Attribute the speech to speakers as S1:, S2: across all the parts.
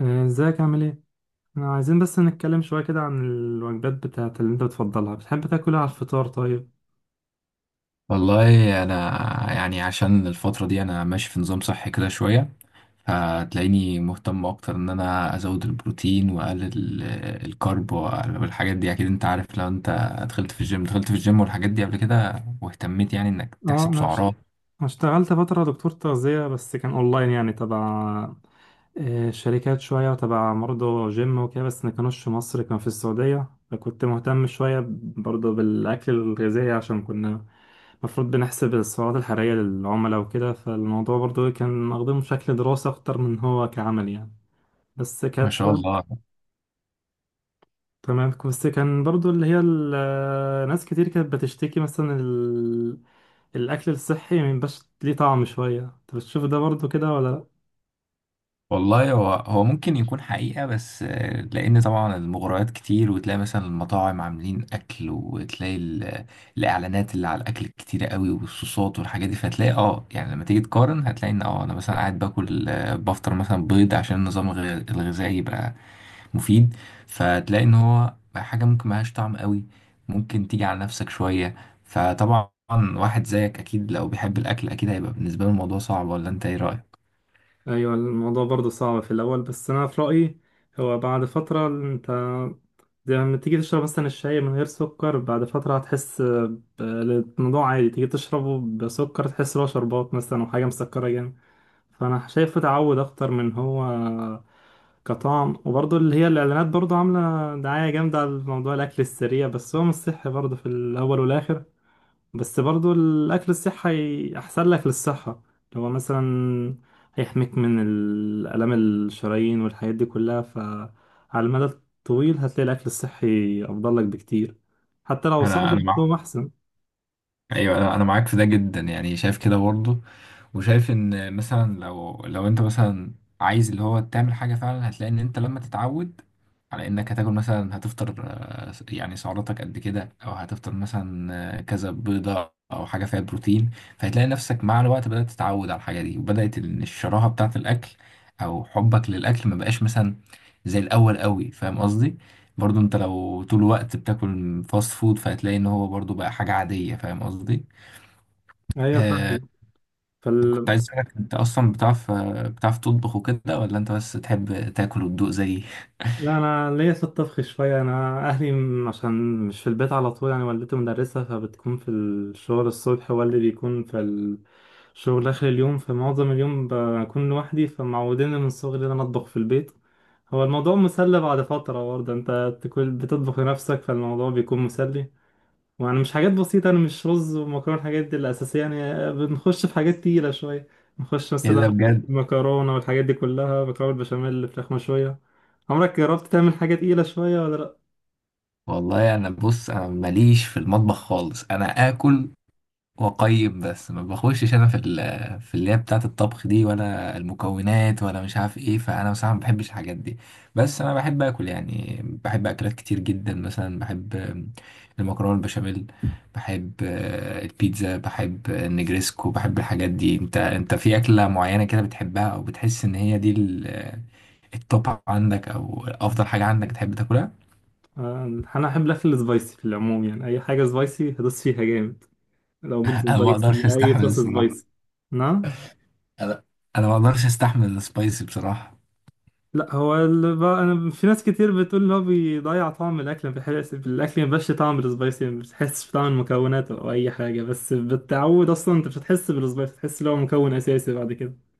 S1: ازيك عامل ايه؟ احنا عايزين بس نتكلم شوية كده عن الوجبات بتاعت اللي انت بتفضلها، بتحب تاكلها على الفطار طيب؟
S2: والله انا يعني عشان الفتره دي انا ماشي في نظام صحي كده شويه، فتلاقيني مهتم اكتر ان انا ازود البروتين واقلل الكارب والحاجات دي. اكيد انت عارف لو انت دخلت في الجيم والحاجات دي قبل كده واهتميت، يعني انك
S1: اه
S2: تحسب
S1: انا اش-
S2: سعرات. ايوه،
S1: أنا اشتغلت فترة دكتور تغذية، بس كان اونلاين يعني تبع شركات شوية، وتبع برضه جيم وكده، بس ما كانوش في مصر، كان في السعودية. فكنت مهتم شوية برضه بالأكل الغذائي، عشان كنا المفروض بنحسب السعرات الحرارية للعملاء وكده. فالموضوع برضه كان واخدينه بشكل دراسة أكتر من هو كعمل يعني. بس
S2: ما
S1: كانت
S2: شاء الله.
S1: تمام. بس كان برضو اللي هي ال- ناس كتير كانت بتشتكي مثلا ال... الأكل الصحي ميبقاش ليه طعم شوية، انت بتشوف ده برضو كده ولا لأ؟
S2: والله هو ممكن يكون حقيقة، بس لأن طبعا المغريات كتير، وتلاقي مثلا المطاعم عاملين أكل، وتلاقي الإعلانات اللي على الأكل كتيرة قوي والصوصات والحاجات دي. فتلاقي يعني لما تيجي تقارن هتلاقي إن أنا مثلا قاعد باكل، بفطر مثلا بيض عشان النظام الغذائي يبقى مفيد، فتلاقي إن هو حاجة ممكن ملهاش طعم قوي، ممكن تيجي على نفسك شوية. فطبعا واحد زيك أكيد لو بيحب الأكل أكيد هيبقى بالنسبة له الموضوع صعب، ولا أنت إيه رأيك؟
S1: أيوة الموضوع برضو صعب في الأول، بس أنا في رأيي هو بعد فترة انت زي لما تيجي تشرب مثلا الشاي من غير سكر، بعد فترة هتحس ب- الموضوع عادي، تيجي تشربه بسكر تحس إن هو شربات مثلا أو حاجة مسكرة جامد. فانا شايفه تعود اكتر من هو كطعم. وبرضه اللي هي الاعلانات برضه عامله دعايه جامده على موضوع الاكل السريع، بس هو مش صحي برضه في الاول والاخر. بس برضه الاكل الصحي احسن لك للصحه، اللي هو مثلا هيحميك من الالام الشرايين والحاجات دي كلها. فعلى المدى الطويل هتلاقي الاكل الصحي افضل لك بكتير، حتى لو صعب
S2: أنا
S1: بس
S2: أنا معاك.
S1: هو احسن.
S2: ايوه، انا معاك في ده جدا، يعني شايف كده برضه. وشايف ان مثلا لو انت مثلا عايز اللي هو تعمل حاجه فعلا، هتلاقي ان انت لما تتعود على انك هتاكل مثلا، هتفطر يعني سعراتك قد كده، او هتفطر مثلا كذا بيضه او حاجه فيها بروتين، فهتلاقي نفسك مع الوقت بدات تتعود على الحاجه دي، وبدات إن الشراهه بتاعه الاكل او حبك للاكل ما بقاش مثلا زي الاول قوي. فاهم قصدي؟ برضو انت لو طول الوقت بتاكل فاست فود، فهتلاقي ان هو برضو بقى حاجة عادية. فاهم قصدي؟
S1: ايوه
S2: آه
S1: فاهم.
S2: كنت عايز اسألك، انت اصلا بتعرف تطبخ وكده، ولا انت بس تحب تاكل وتدوق زيي؟
S1: لا انا ليا في الطبخ شويه. انا اهلي م- عشان مش في البيت على طول يعني، والدتي مدرسه فبتكون في الشغل الصبح، والدي بيكون في الشغل اخر اليوم، فمعظم اليوم بكون لوحدي، فمعودين من صغري ان انا اطبخ في البيت. هو الموضوع مسلي بعد فتره، برضه انت بتكون بتطبخ لنفسك، فالموضوع بيكون مسلي. وانا مش حاجات بسيطة، انا مش رز ومكرونة الحاجات دي الأساسية يعني، بنخش في حاجات تقيلة شوية. نخش
S2: ايه ده
S1: مثلا
S2: بجد.
S1: مكرونة، والحاجات دي كلها، مكرونة بالبشاميل، فراخ مشوية. عمرك جربت تعمل حاجة تقيلة شوية ولا لأ؟
S2: والله انا بص، انا ماليش في المطبخ خالص. انا اكل وقيم بس ما بخشش انا في اللي هي بتاعه الطبخ دي، ولا المكونات، ولا مش عارف ايه. فانا بصراحه ما بحبش الحاجات دي. بس انا بحب اكل، يعني بحب اكلات كتير جدا. مثلا بحب المكرونه البشاميل، بحب البيتزا، بحب النجريسكو، بحب الحاجات دي. انت في اكله معينه كده بتحبها، او بتحس ان هي دي التوب عندك، او افضل حاجه عندك تحب تاكلها؟
S1: آه، أنا أحب الأكل السبايسي في العموم، يعني أي حاجة سبايسي هدوس فيها جامد. لو بنت
S2: انا ما اقدرش
S1: سبايسي، أي
S2: استحمل
S1: صوص
S2: الصراحه.
S1: سبايسي. نعم.
S2: انا انا ما اقدرش استحمل السبايسي بصراحه.
S1: لا هو ال... ب- انا في ناس كتير بتقول ان هو بيضيع طعم الاكل، ما بيحس الاكل ما بيبقاش طعم السبايسي، ما بتحسش بطعم المكونات او اي حاجه. بس بالتعود اصلا انت مش هتحس بالسبايسي، تحس ان هو مكون اساسي بعد كده.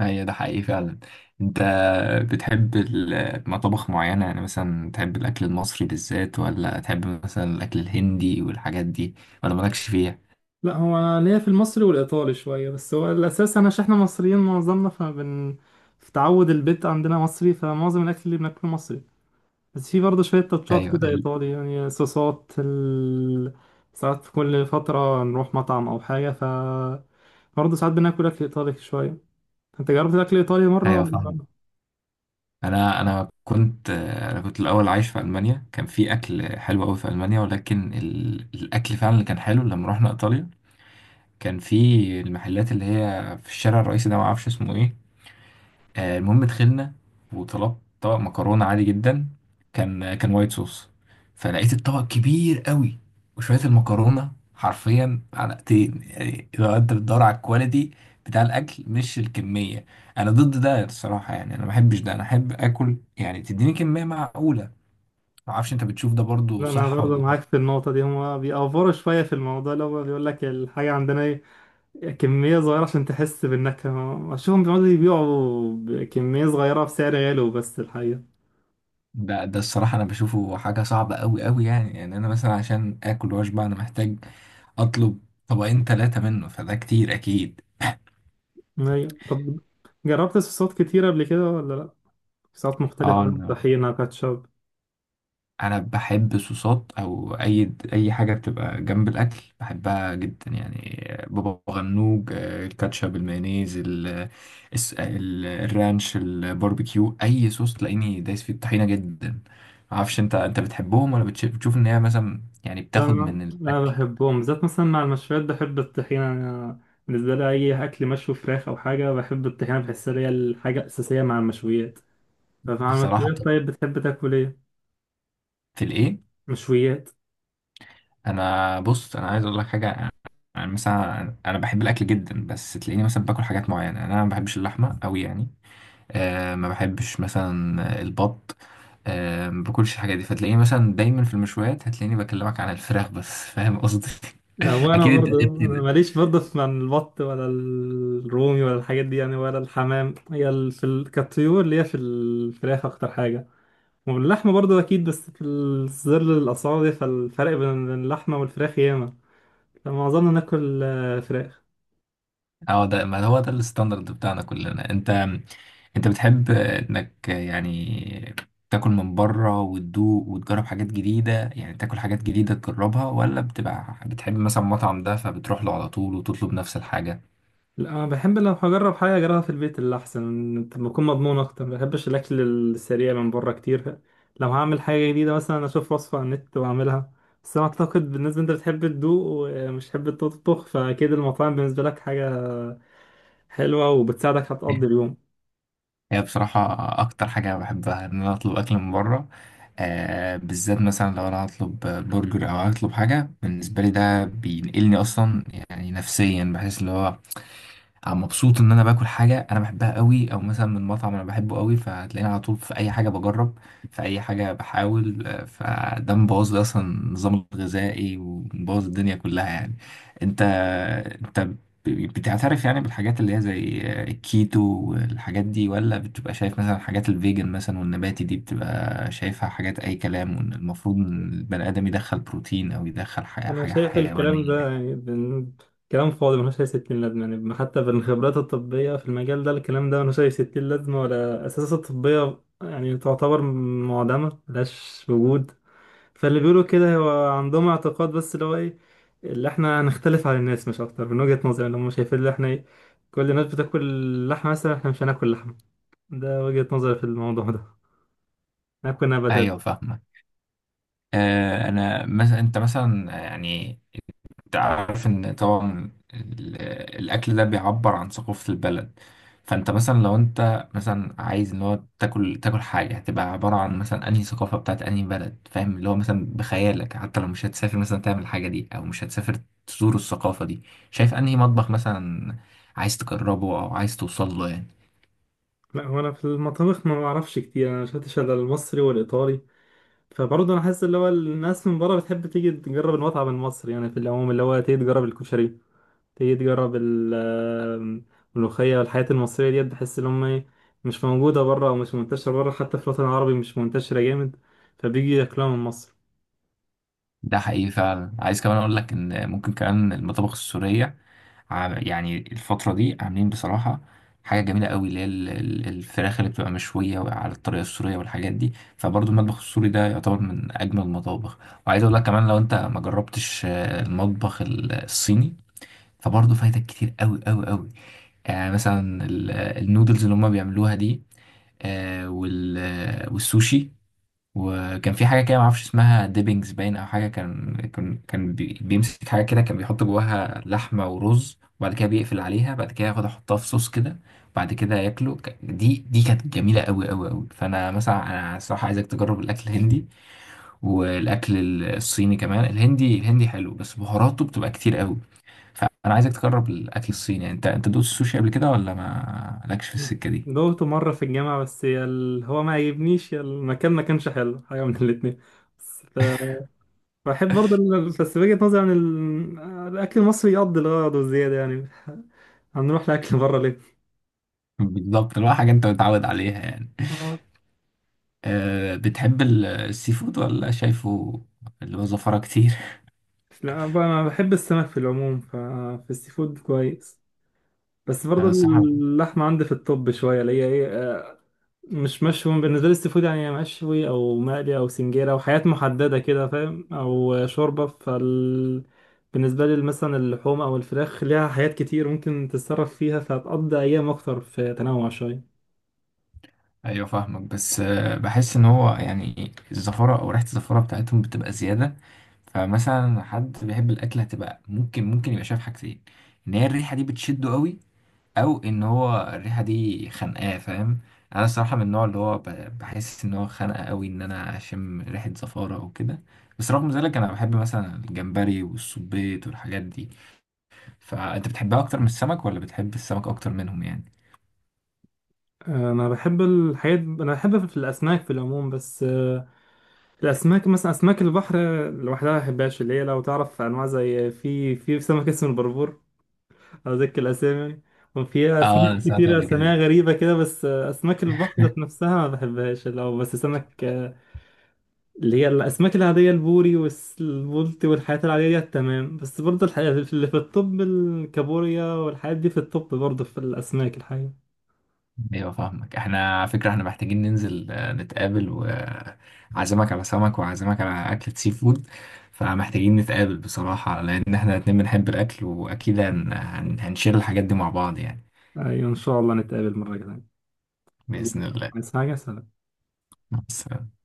S2: هي ده حقيقي فعلا. انت بتحب مطابخ معينة؟ يعني مثلا تحب الأكل المصري بالذات، ولا تحب مثلا الأكل الهندي والحاجات دي، ولا مالكش فيها؟
S1: لا هو انا ليا في المصري والايطالي شويه، بس هو الاساس انا عشان احنا مصريين معظمنا فبن في تعود البيت عندنا مصري، فمعظم الاكل اللي بناكله مصري. بس في برضه شوية تاتشات
S2: أيوة
S1: كده
S2: ال...
S1: إيطالي، يعني صوصات ال... ساعات في كل فترة نروح مطعم أو حاجة، ف برضه ساعات بناكل أكل إيطالي شوية. أنت جربت أكل إيطالي مرة؟
S2: أيوة فاهم.
S1: ولا-
S2: أنا كنت الأول عايش في ألمانيا، كان في أكل حلو أوي في ألمانيا، ولكن الأكل فعلا اللي كان حلو لما رحنا إيطاليا. كان في المحلات اللي هي في الشارع الرئيسي ده، معرفش اسمه إيه. المهم دخلنا وطلبت طبق مكرونة عادي جدا، كان وايت صوص. فلقيت الطبق كبير قوي، وشوية المكرونة حرفيا علقتين. يعني لو انت بتدور على الكواليتي بتاع الاكل مش الكمية، انا ضد ده الصراحة، يعني انا ما بحبش ده. انا احب اكل يعني تديني كمية معقولة. ما اعرفش، انت بتشوف ده برضو
S1: لا أنا
S2: صح ولا
S1: برضه
S2: غلط؟
S1: معاك في النقطة دي. هما بيأفوروا شوية في الموضوع، اللي هو بيقول لك الحاجة عندنا إيه، كمية صغيرة عشان تحس بالنكهة. أشوفهم بيقعدوا يبيعوا بكمية صغيرة بسعر غالي، بس الحقيقة
S2: ده الصراحة انا بشوفه حاجة صعبة قوي قوي، يعني انا مثلا عشان اكل واشبع انا محتاج اطلب طبقين ثلاثة منه، فده كتير اكيد.
S1: أيوة طب جربت صوصات كتيرة قبل كده ولا لأ؟ صوصات
S2: اه،
S1: مختلفة،
S2: انا
S1: طحينة، كاتشب.
S2: بحب صوصات او اي حاجه بتبقى جنب الاكل بحبها جدا، يعني بابا غنوج، الكاتشب، المايونيز، الرانش، الباربيكيو. اي صوص تلاقيني دايس في الطحينه جدا. معرفش، انت بتحبهم، ولا بتشوف ان هي مثلا يعني
S1: لا
S2: بتاخد
S1: أنا
S2: من
S1: لا
S2: الاكل؟
S1: بحبهم بالذات، مثلا مع المشويات بحب الطحينة أنا. بالنسبة لي أي أكل مشوي، فراخ أو حاجة، بحب الطحينة، بحسها هي الحاجة الأساسية مع المشويات. فمع
S2: بصراحه
S1: المشويات طيب بتحب تاكل إيه؟
S2: في الايه.
S1: مشويات.
S2: انا بص، انا عايز اقول لك حاجه. يعني مثلا انا بحب الاكل جدا، بس تلاقيني مثلا باكل حاجات معينه. انا ما بحبش اللحمه قوي، يعني ما بحبش مثلا البط، ما باكلش الحاجات دي. فتلاقيني مثلا دايما في المشويات هتلاقيني بكلمك عن الفراخ بس. فاهم قصدي؟
S1: وأنا
S2: اكيد انت
S1: برضه
S2: غير
S1: أنا
S2: كده.
S1: ماليش برضه في من البط ولا الرومي ولا الحاجات دي يعني، ولا الحمام. هي ال- في ال- كالطيور اللي هي في الفراخ أكتر حاجة. واللحمة برضه أكيد، بس في الظل الأسعار دي، فالفرق بين اللحمة والفراخ ياما، فمعظمنا ناكل فراخ.
S2: اه، ده ما هو ده الستاندرد بتاعنا كلنا. انت بتحب انك يعني تاكل من بره وتدوق وتجرب حاجات جديدة، يعني تاكل حاجات جديدة تجربها، ولا بتبقى بتحب مثلا مطعم ده فبتروح له على طول وتطلب نفس الحاجة؟
S1: لا انا بحب لو هجرب حاجه اجربها في البيت، اللي احسن طب بكون مضمون اكتر، ما بحبش الاكل السريع من بره كتير. لو هعمل حاجه جديده مثلا اشوف وصفه على النت واعملها. بس انا اعتقد بالنسبه انت بتحب تدوق ومش تحب تطبخ، فاكيد المطاعم بالنسبه لك حاجه حلوه وبتساعدك هتقضي اليوم.
S2: هي بصراحة أكتر حاجة بحبها إن أنا أطلب أكل من بره، بالذات مثلا لو أنا هطلب برجر أو هطلب حاجة. بالنسبة لي ده بينقلني أصلا، يعني نفسيا بحس اللي هو مبسوط ان انا باكل حاجه انا بحبها قوي، او مثلا من مطعم انا بحبه قوي. فهتلاقيني على طول في اي حاجه بجرب، في اي حاجه بحاول، فده مبوظ لي اصلا النظام الغذائي ومبوظ الدنيا كلها يعني. انت انت بتعترف يعني بالحاجات اللي هي زي الكيتو والحاجات دي، ولا بتبقى شايف مثلا حاجات الفيجن مثلا والنباتي دي بتبقى شايفها حاجات اي كلام، وان المفروض ان البني ادم يدخل بروتين او يدخل حاجه
S1: انا
S2: حاجة
S1: شايف الكلام ده
S2: حيوانيه؟
S1: يعني بن... كلام فاضي ملوش اي ستين لازمه يعني، حتى بالخبرات الطبيه في المجال ده الكلام ده ملوش اي ستين لازمه، ولا اساسات الطبيه يعني تعتبر معدمه ملهاش وجود. فاللي بيقولوا كده هو عندهم اعتقاد، بس اللي هو ايه اللي احنا هنختلف عن الناس مش اكتر، من وجهة نظري اللي هم شايفين اللي احنا ايه، كل الناس بتاكل لحمة مثلا احنا مش هناكل لحمة. ده وجهة نظري في الموضوع ده، ناكل نباتات.
S2: ايوه فاهم. انا مثلا انت مثلا يعني انت عارف ان طبعا الاكل ده بيعبر عن ثقافة البلد. فانت مثلا لو انت مثلا عايز ان هو تاكل حاجة، هتبقى عبارة عن مثلا انهي ثقافة بتاعت انهي بلد. فاهم؟ اللي هو مثلا بخيالك، حتى لو مش هتسافر مثلا تعمل الحاجة دي، او مش هتسافر تزور الثقافة دي، شايف انهي مطبخ مثلا عايز تجربه او عايز توصل له يعني؟
S1: لا هو انا في المطابخ ما بعرفش كتير، انا شفتش الا المصري والايطالي. فبرضه انا حاسس اللي هو الناس من بره بتحب تيجي تجرب المطعم المصري يعني، في العموم اللي هو تيجي تجرب الكشري، تيجي تجرب ال- آم، الملوخية والحياة المصرية ديت، بحس إن هما مش موجودة بره أو مش منتشرة بره، حتى في الوطن العربي مش منتشرة جامد، فبيجي ياكلوها من مصر.
S2: ده حقيقي فعلا. عايز كمان اقول لك ان ممكن كمان المطابخ السورية، يعني الفترة دي عاملين بصراحة حاجة جميلة قوي، اللي هي الفراخ اللي بتبقى مشوية على الطريقة السورية والحاجات دي. فبرضو المطبخ السوري ده يعتبر من أجمل المطابخ. وعايز أقول لك كمان، لو أنت ما جربتش المطبخ الصيني، فبرضو فايتك كتير قوي قوي قوي. يعني مثلا النودلز اللي هما بيعملوها دي، والسوشي. وكان في حاجه كده معرفش اسمها، ديبنجز باين او حاجه. كان كان كان بيمسك حاجه كده، كان بيحط جواها لحمه ورز، وبعد كده بيقفل عليها، بعد كده ياخد احطها في صوص كده، بعد كده ياكله. دي كانت جميله قوي قوي قوي. فانا مثلا انا الصراحه عايزك تجرب الاكل الهندي والاكل الصيني كمان. الهندي حلو بس بهاراته بتبقى كتير قوي، فانا عايزك تجرب الاكل الصيني. انت دوقت السوشي قبل كده، ولا ما لكش في السكه دي؟
S1: دوقته مرة في الجامعة، بس يا ال- هو ما عجبنيش، يا المكان ما كانش حلو حاجة من الاتنين. بس ف- بحب برضه ال- بس وجهة نظري عن ال- الأكل المصري يقضي الغرض والزيادة يعني هنروح لأكل بره ليه؟
S2: بالظبط، اللي هو حاجه انت متعود عليها يعني.
S1: آه.
S2: بتحب السي فود، ولا شايفه اللي هو زفرة كتير؟
S1: لا بقى أنا بحب السمك في العموم، ففي السي فود كويس. بس برضه
S2: على الصحة.
S1: اللحمة عندي في الطب شوية اللي هي ايه مش مشوي. بالنسبة لي السي فود يعني يا مشوي أو مقلي أو سنجيرة أو حاجات محددة كده فاهم، أو شوربة فال. بالنسبة لي مثلا اللحوم أو الفراخ ليها حاجات كتير ممكن تتصرف فيها، فهتقضي أيام أكتر في تنوع شوية.
S2: ايوه فاهمك، بس بحس ان هو يعني الزفرة او ريحة الزفرة بتاعتهم بتبقى زيادة. فمثلا حد بيحب الاكل هتبقى ممكن يبقى شايف حاجتين، ان هي الريحة دي بتشده قوي، او ان هو الريحة دي خانقاه. فاهم؟ انا الصراحة من النوع اللي هو بحس ان هو خانقه قوي ان انا اشم ريحة زفارة او كده. بس رغم ذلك انا بحب مثلا الجمبري والسبيط والحاجات دي. فانت بتحبها اكتر من السمك، ولا بتحب السمك اكتر منهم يعني؟
S1: أنا بحب الحاجات، أنا بحب في الأسماك في العموم، بس الأسماك مثلا أسماك البحر لوحدها ما بحبهاش، اللي هي لو تعرف أنواع زي في سمك اسمه البربور، أذكر الأسامي يعني. وفي
S2: اه،
S1: أسماك
S2: انا سمعت
S1: كتير
S2: قبل
S1: أساميها
S2: كده.
S1: غريبة كده، بس أسماك البحر ذات نفسها ما بحبهاش لو بس سمك. اللي هي الأسماك العادية البوري والبولتي والحاجات العادية دي تمام. بس برضه الحقيقة اللي في الطب الكابوريا والحاجات دي في الطب برضه، في الأسماك الحقيقة.
S2: ايوه فاهمك، احنا على فكره احنا محتاجين ننزل نتقابل، وعزمك على سمك، وعزمك على اكلة سي فود. فمحتاجين نتقابل بصراحه، لان احنا الاتنين بنحب الاكل، واكيد هنشير الحاجات دي مع بعض يعني.
S1: أيوة إن شاء الله نتقابل مرة تانية. الله.
S2: باذن الله.
S1: عايز حاجة؟ سلام.
S2: بس